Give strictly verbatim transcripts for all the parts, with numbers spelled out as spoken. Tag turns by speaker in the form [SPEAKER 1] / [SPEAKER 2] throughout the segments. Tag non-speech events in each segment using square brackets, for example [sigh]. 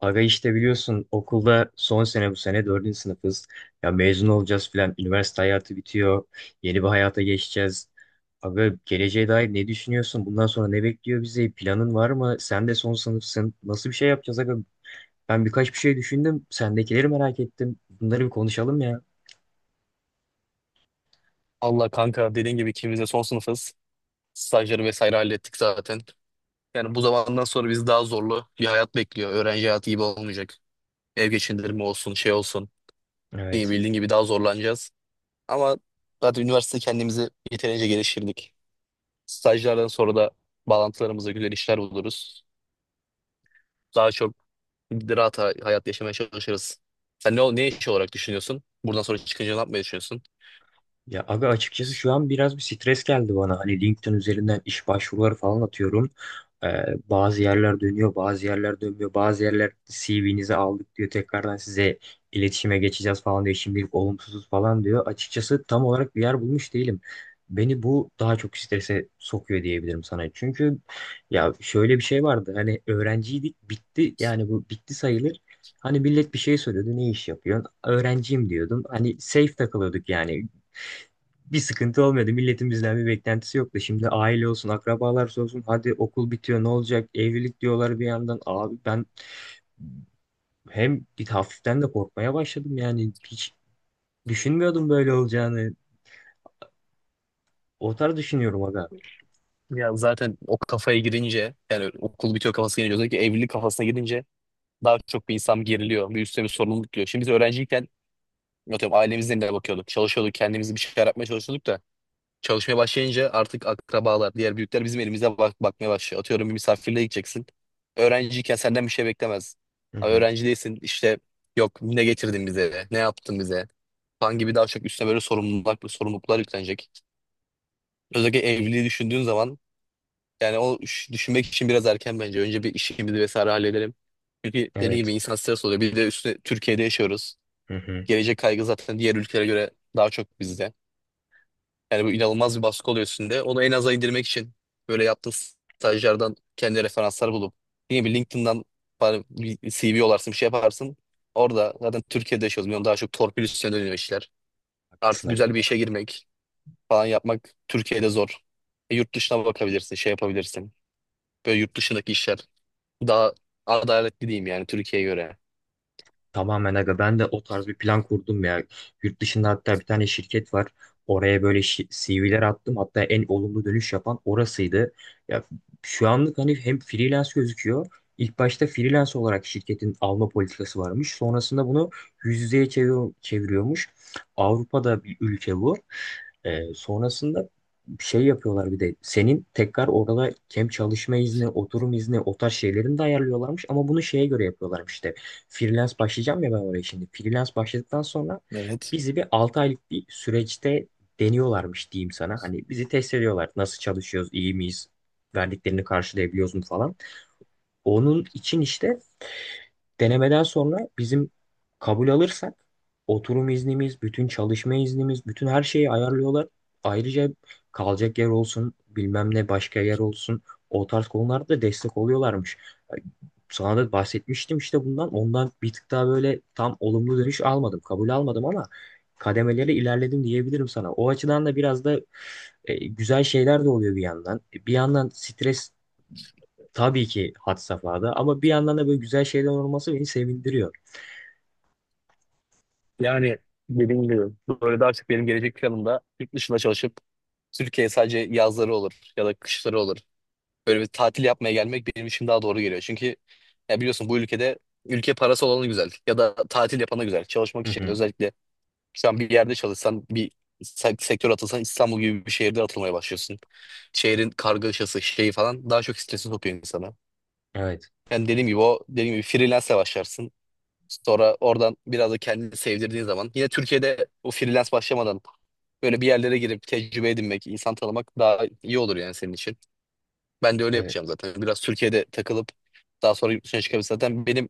[SPEAKER 1] Aga işte biliyorsun okulda son sene bu sene dördüncü sınıfız. Ya mezun olacağız filan. Üniversite hayatı bitiyor. Yeni bir hayata geçeceğiz. Aga geleceğe dair ne düşünüyorsun? Bundan sonra ne bekliyor bizi? Planın var mı? Sen de son sınıfsın. Nasıl bir şey yapacağız aga? Ben birkaç bir şey düşündüm. Sendekileri merak ettim. Bunları bir konuşalım ya.
[SPEAKER 2] Allah kanka dediğin gibi ikimiz de son sınıfız. Stajları vesaire hallettik zaten. Yani bu zamandan sonra bizi daha zorlu bir hayat bekliyor. Öğrenci hayatı gibi olmayacak. Ev geçindirme olsun, şey olsun. İyi
[SPEAKER 1] Evet.
[SPEAKER 2] bildiğin gibi daha zorlanacağız. Ama zaten üniversite kendimizi yeterince geliştirdik. Stajlardan sonra da bağlantılarımıza güzel işler buluruz. Daha çok rahat hay- hayat yaşamaya çalışırız. Sen ne, ne iş olarak düşünüyorsun? Buradan sonra çıkınca ne yapmayı düşünüyorsun?
[SPEAKER 1] Ya abi açıkçası şu an biraz bir stres geldi bana. Hani LinkedIn üzerinden iş başvuruları falan atıyorum. Ee, bazı yerler dönüyor, bazı yerler dönmüyor. Bazı yerler C V'nizi aldık diyor. Tekrardan size iletişime geçeceğiz falan diyor. Şimdilik olumsuzuz falan diyor. Açıkçası tam olarak bir yer bulmuş değilim. Beni bu daha çok strese sokuyor diyebilirim sana. Çünkü ya şöyle bir şey vardı. Hani öğrenciydik bitti. Yani bu bitti sayılır. Hani millet bir şey soruyordu. Ne iş yapıyorsun? Öğrenciyim diyordum. Hani safe takılıyorduk yani bir sıkıntı olmuyordu. Milletin bizden bir beklentisi yoktu. Şimdi aile olsun, akrabalar olsun. Hadi okul bitiyor ne olacak? Evlilik diyorlar bir yandan. Abi ben hem bir hafiften de korkmaya başladım yani. Hiç düşünmüyordum böyle olacağını. O tarz düşünüyorum aga.
[SPEAKER 2] Ya zaten o kafaya girince yani okul bitiyor kafasına girince özellikle evlilik kafasına girince daha çok bir insan geriliyor. Bir üstüne bir sorumluluk geliyor. Şimdi biz öğrenciyken atıyorum ailemizden de bakıyorduk. Çalışıyorduk kendimizi bir şeyler yapmaya çalışıyorduk da çalışmaya başlayınca artık akrabalar diğer büyükler bizim elimize bak bakmaya başlıyor. Atıyorum bir misafirliğe gideceksin. Öğrenciyken senden bir şey beklemez.
[SPEAKER 1] Hı
[SPEAKER 2] Ama
[SPEAKER 1] hı.
[SPEAKER 2] öğrenci değilsin işte, yok ne getirdin bize, ne yaptın bize. Kan gibi daha çok üstüne böyle sorumluluklar, sorumluluklar yüklenecek. Özellikle evliliği düşündüğün zaman yani o iş- düşünmek için biraz erken bence. Önce bir işimizi vesaire halledelim. Çünkü dediğim gibi
[SPEAKER 1] Evet.
[SPEAKER 2] insan stres oluyor. Bir de üstüne Türkiye'de yaşıyoruz.
[SPEAKER 1] Hı hı.
[SPEAKER 2] Gelecek kaygı zaten diğer ülkelere göre daha çok bizde. Yani bu inanılmaz bir baskı oluyor üstünde. Onu en aza indirmek için böyle yaptığın stajlardan kendi referanslar bulup yine bir LinkedIn'dan falan bir C V yollarsın, bir şey yaparsın. Orada zaten Türkiye'de yaşıyoruz. Biliyorum daha çok torpil üstüne dönüyor işler. Artık
[SPEAKER 1] Haklısın aga.
[SPEAKER 2] güzel bir işe girmek, falan yapmak Türkiye'de zor. E, yurt dışına bakabilirsin, şey yapabilirsin. Böyle yurt dışındaki işler daha adaletli diyeyim yani Türkiye'ye göre.
[SPEAKER 1] Tamamen aga ben de o tarz bir plan kurdum ya. Yurt dışında hatta bir tane şirket var. Oraya böyle şi- C V'ler attım. Hatta en olumlu dönüş yapan orasıydı. Ya şu anlık hani hem freelance gözüküyor. İlk başta freelance olarak şirketin alma politikası varmış. Sonrasında bunu yüz yüzeye çevir- çeviriyormuş. Avrupa'da bir ülke bu. Ee, sonrasında şey yapıyorlar bir de senin tekrar orada hem çalışma izni, oturum izni o tarz şeylerini de ayarlıyorlarmış ama bunu şeye göre yapıyorlarmış işte. Freelance başlayacağım ya ben oraya şimdi. Freelance başladıktan sonra
[SPEAKER 2] Evet.
[SPEAKER 1] bizi bir altı aylık bir süreçte deniyorlarmış diyeyim sana. Hani bizi test ediyorlar. Nasıl çalışıyoruz, iyi miyiz, verdiklerini karşılayabiliyoruz mu falan. Onun için işte Denemeden sonra bizim kabul alırsak oturum iznimiz, bütün çalışma iznimiz, bütün her şeyi ayarlıyorlar. Ayrıca kalacak yer olsun, bilmem ne başka yer olsun. O tarz konularda da destek oluyorlarmış. Sana da bahsetmiştim işte bundan. Ondan bir tık daha böyle tam olumlu dönüş almadım, kabul almadım ama kademeleri ilerledim diyebilirim sana. O açıdan da biraz da e, güzel şeyler de oluyor bir yandan. E, Bir yandan stres. Tabii ki had safhada ama bir yandan da böyle güzel şeyler olması beni sevindiriyor.
[SPEAKER 2] Yani dediğim gibi böyle de artık benim gelecek planımda yurt dışında çalışıp Türkiye'ye sadece yazları olur ya da kışları olur. Böyle bir tatil yapmaya gelmek benim için daha doğru geliyor. Çünkü ya biliyorsun bu ülkede ülke parası olanı güzel ya da tatil yapanı güzel. Çalışmak
[SPEAKER 1] Hı
[SPEAKER 2] için
[SPEAKER 1] hı.
[SPEAKER 2] özellikle sen bir yerde çalışsan, bir sek- sektör atılsan İstanbul gibi bir şehirde atılmaya başlıyorsun. Şehrin kargaşası şeyi falan daha çok stresi sokuyor insana.
[SPEAKER 1] Evet.
[SPEAKER 2] Yani dediğim gibi o dediğim gibi freelance'e başlarsın. Sonra oradan biraz da kendini sevdirdiğin zaman yine Türkiye'de o freelance başlamadan böyle bir yerlere girip tecrübe edinmek, insan tanımak daha iyi olur yani senin için. Ben de öyle
[SPEAKER 1] Evet.
[SPEAKER 2] yapacağım zaten. Biraz Türkiye'de takılıp daha sonra yurt dışına çıkabilir zaten. Benim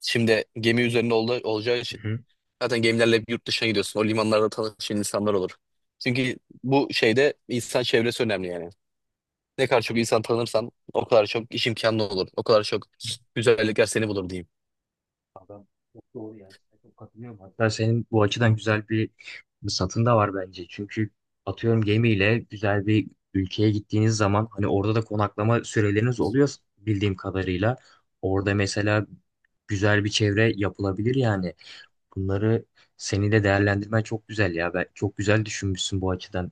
[SPEAKER 2] şimdi gemi üzerinde ol olacağı için
[SPEAKER 1] Hı hı.
[SPEAKER 2] zaten gemilerle hep yurt dışına gidiyorsun. O limanlarda tanıştığın insanlar olur. Çünkü bu şeyde insan çevresi önemli yani. Ne kadar çok insan tanırsan o kadar çok iş imkanı olur. O kadar çok güzellikler seni bulur diyeyim.
[SPEAKER 1] Adam çok doğru yani. Çok katılıyorum. Hatta senin bu açıdan güzel bir satın da var bence. Çünkü atıyorum gemiyle güzel bir ülkeye gittiğiniz zaman hani orada da konaklama süreleriniz oluyor bildiğim kadarıyla. Orada mesela güzel bir çevre yapılabilir yani. Bunları seni de değerlendirmen çok güzel ya. Ben çok güzel düşünmüşsün bu açıdan.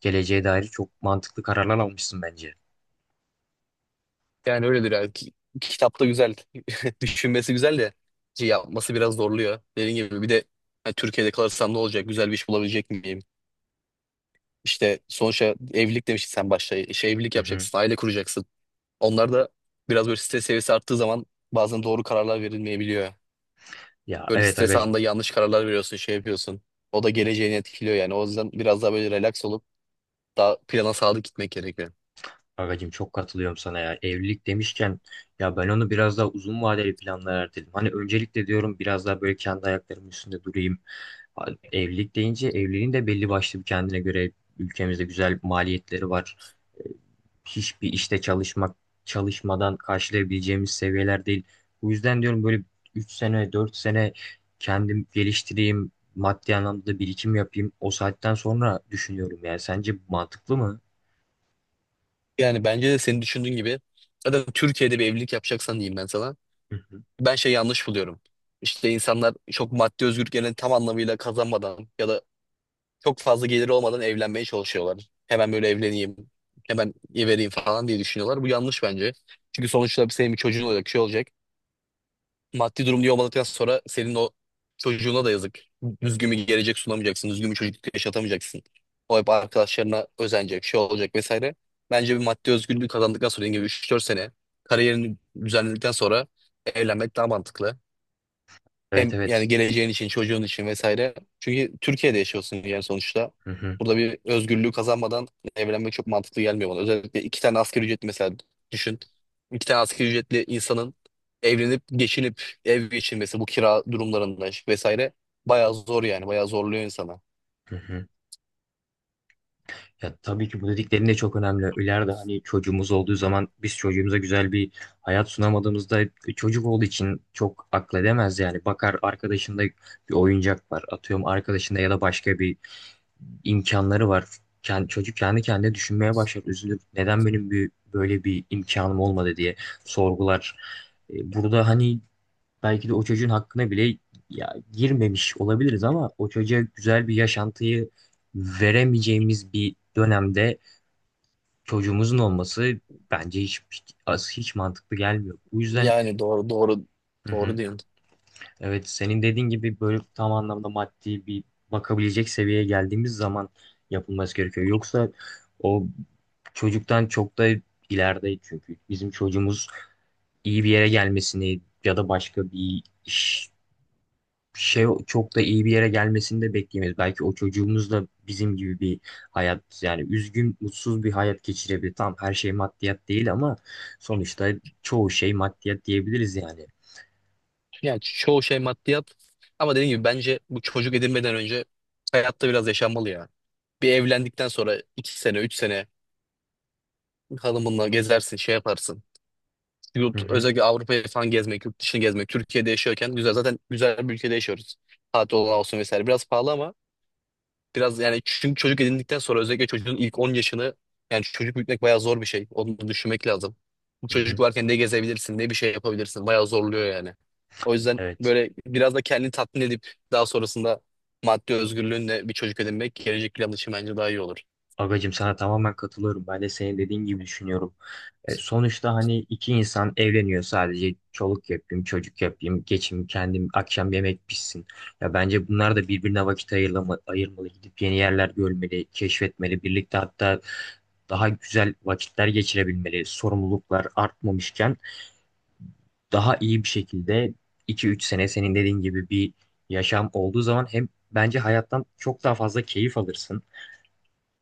[SPEAKER 1] Geleceğe dair çok mantıklı kararlar almışsın bence.
[SPEAKER 2] Yani öyledir yani. Ki- Kitapta güzel. [laughs] Düşünmesi güzel de şey yapması biraz zorluyor. Dediğim gibi bir de hani Türkiye'de kalırsam ne olacak? Güzel bir iş bulabilecek miyim? İşte sonuçta evlilik demiştin sen başta. İşte evlilik
[SPEAKER 1] Hı hı.
[SPEAKER 2] yapacaksın, aile kuracaksın. Onlar da biraz böyle stres seviyesi arttığı zaman bazen doğru kararlar verilmeyebiliyor.
[SPEAKER 1] Ya
[SPEAKER 2] Böyle
[SPEAKER 1] evet
[SPEAKER 2] stres
[SPEAKER 1] agacım.
[SPEAKER 2] anında yanlış kararlar veriyorsun, şey yapıyorsun. O da geleceğini etkiliyor yani. O yüzden biraz daha böyle relax olup daha plana sadık gitmek gerekiyor.
[SPEAKER 1] Agacığım çok katılıyorum sana ya. Evlilik demişken ya ben onu biraz daha uzun vadeli planlara erteledim. Hani öncelikle diyorum biraz daha böyle kendi ayaklarımın üstünde durayım. Ha, Evlilik deyince evliliğin de belli başlı bir kendine göre ülkemizde güzel maliyetleri var. E, Hiçbir işte çalışmak çalışmadan karşılayabileceğimiz seviyeler değil. Bu yüzden diyorum böyle üç sene dört sene kendim geliştireyim. Maddi anlamda da birikim yapayım. O saatten sonra düşünüyorum yani. Sence bu mantıklı mı?
[SPEAKER 2] Yani bence de senin düşündüğün gibi zaten Türkiye'de bir evlilik yapacaksan diyeyim ben sana.
[SPEAKER 1] Hı hı.
[SPEAKER 2] Ben şey yanlış buluyorum. İşte insanlar çok maddi özgürlüklerini tam anlamıyla kazanmadan ya da çok fazla geliri olmadan evlenmeye çalışıyorlar. Hemen böyle evleneyim, hemen vereyim falan diye düşünüyorlar. Bu yanlış bence. Çünkü sonuçta senin bir çocuğun olacak, şey olacak. Maddi durum iyi olmadıktan sonra senin o çocuğuna da yazık. Düzgün bir gelecek sunamayacaksın. Düzgün bir çocukluk yaşatamayacaksın. O hep arkadaşlarına özenecek, şey olacak vesaire. Bence bir maddi özgürlüğü kazandıktan sonra dediğim gibi üç dört sene kariyerini düzenledikten sonra evlenmek daha mantıklı.
[SPEAKER 1] Evet
[SPEAKER 2] Hem yani
[SPEAKER 1] evet.
[SPEAKER 2] geleceğin için, çocuğun için vesaire. Çünkü Türkiye'de yaşıyorsun yani sonuçta.
[SPEAKER 1] Hı hı,
[SPEAKER 2] Burada bir özgürlüğü kazanmadan evlenmek çok mantıklı gelmiyor bana. Özellikle iki tane asgari ücretli mesela düşün. İki tane asgari ücretli insanın evlenip geçinip ev geçirmesi, bu kira durumlarında vesaire bayağı zor yani. Bayağı zorluyor insana.
[SPEAKER 1] hı hı. Ya tabii ki bu dediklerin de çok önemli. İleride hani çocuğumuz olduğu zaman biz çocuğumuza güzel bir hayat sunamadığımızda çocuk olduğu için çok akledemez yani. Bakar arkadaşında bir oyuncak var. Atıyorum arkadaşında ya da başka bir imkanları var. Kendi, çocuk kendi kendine düşünmeye başlar, üzülür. Neden benim bir, böyle bir imkanım olmadı diye sorgular. E, Burada hani belki de o çocuğun hakkına bile ya, girmemiş olabiliriz ama o çocuğa güzel bir yaşantıyı veremeyeceğimiz bir dönemde çocuğumuzun olması bence hiç hiç, hiç mantıklı gelmiyor. Bu yüzden
[SPEAKER 2] Yani doğru, doğru,
[SPEAKER 1] hı
[SPEAKER 2] doğru
[SPEAKER 1] hı,
[SPEAKER 2] diyorsun.
[SPEAKER 1] evet senin dediğin gibi böyle tam anlamda maddi bir bakabilecek seviyeye geldiğimiz zaman yapılması gerekiyor. Yoksa o çocuktan çok da ileride çünkü bizim çocuğumuz iyi bir yere gelmesini ya da başka bir iş şey çok da iyi bir yere gelmesini de bekleyemeyiz. Belki o çocuğumuz da bizim gibi bir hayat yani üzgün, mutsuz bir hayat geçirebilir. Tamam her şey maddiyat değil ama sonuçta çoğu şey maddiyat diyebiliriz yani.
[SPEAKER 2] Yani çoğu şey maddiyat ama dediğim gibi bence bu çocuk edinmeden önce hayatta biraz yaşanmalı ya. Bir evlendikten sonra iki sene, üç sene hanımınla gezersin, şey yaparsın.
[SPEAKER 1] Hı
[SPEAKER 2] Yurt,
[SPEAKER 1] hı,
[SPEAKER 2] özellikle Avrupa'yı falan gezmek, yurt dışını gezmek. Türkiye'de yaşıyorken güzel. Zaten güzel bir ülkede yaşıyoruz. Tatil olan olsun vesaire. Biraz pahalı ama biraz yani çünkü çocuk edindikten sonra özellikle çocuğun ilk on yaşını yani çocuk büyütmek bayağı zor bir şey. Onu da düşünmek lazım. Bu
[SPEAKER 1] hı
[SPEAKER 2] çocuk
[SPEAKER 1] hı.
[SPEAKER 2] varken ne gezebilirsin, ne bir şey yapabilirsin. Bayağı zorluyor yani. O yüzden
[SPEAKER 1] Evet.
[SPEAKER 2] böyle biraz da kendini tatmin edip daha sonrasında maddi özgürlüğünle bir çocuk edinmek gelecek plan için bence daha iyi olur.
[SPEAKER 1] Agacım sana tamamen katılıyorum. Ben de senin dediğin gibi düşünüyorum. E, sonuçta hani iki insan evleniyor sadece çoluk yapayım, çocuk yapayım, geçim kendim akşam yemek pişsin. Ya bence bunlar da birbirine vakit ayırma, ayırmalı, gidip yeni yerler görmeli, keşfetmeli, birlikte hatta daha güzel vakitler geçirebilmeli. Sorumluluklar artmamışken daha iyi bir şekilde iki üç sene senin dediğin gibi bir yaşam olduğu zaman hem bence hayattan çok daha fazla keyif alırsın.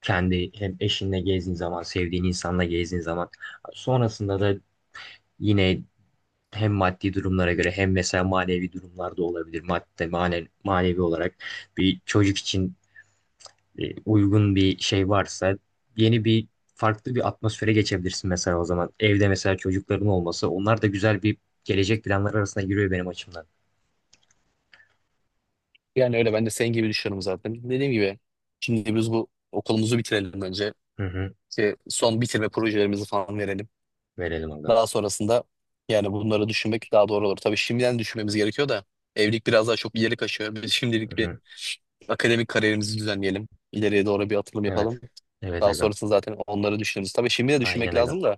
[SPEAKER 1] Kendi hem eşinle gezdiğin zaman, sevdiğin insanla gezdiğin zaman. Sonrasında da yine hem maddi durumlara göre hem mesela manevi durumlarda olabilir. Madde, mane, manevi olarak bir çocuk için e, uygun bir şey varsa yeni bir farklı bir atmosfere geçebilirsin mesela o zaman. Evde mesela çocukların olması onlar da güzel bir gelecek planları arasına giriyor benim açımdan.
[SPEAKER 2] Yani öyle ben de senin gibi düşünüyorum zaten. Dediğim gibi şimdi biz bu okulumuzu bitirelim önce.
[SPEAKER 1] Hı hı.
[SPEAKER 2] İşte son bitirme projelerimizi falan verelim.
[SPEAKER 1] Verelim agam.
[SPEAKER 2] Daha sonrasında yani bunları düşünmek daha doğru olur. Tabii şimdiden düşünmemiz gerekiyor da evlilik biraz daha çok ileri kaçıyor. Biz
[SPEAKER 1] Hı
[SPEAKER 2] şimdilik bir
[SPEAKER 1] hı.
[SPEAKER 2] akademik kariyerimizi düzenleyelim. İleriye doğru bir atılım
[SPEAKER 1] Evet.
[SPEAKER 2] yapalım.
[SPEAKER 1] Evet
[SPEAKER 2] Daha
[SPEAKER 1] agam.
[SPEAKER 2] sonrasında zaten onları düşünürüz. Tabii şimdi de
[SPEAKER 1] Aynen
[SPEAKER 2] düşünmek
[SPEAKER 1] agam.
[SPEAKER 2] lazım da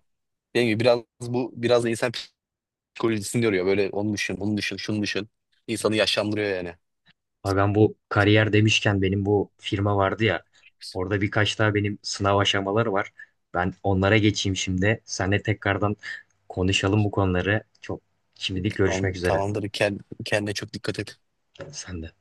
[SPEAKER 2] dediğim gibi biraz bu biraz da insan psikolojisini yoruyor. Böyle onu düşün, bunu düşün, şunu düşün. İnsanı yaşlandırıyor yani.
[SPEAKER 1] Abi ben bu kariyer demişken benim bu firma vardı ya. Orada birkaç daha benim sınav aşamaları var. Ben onlara geçeyim şimdi. Seninle tekrardan konuşalım bu konuları. Çok şimdilik
[SPEAKER 2] Tamam,
[SPEAKER 1] görüşmek üzere.
[SPEAKER 2] tamamdır. Kend, kendine çok dikkat et.
[SPEAKER 1] Sen de.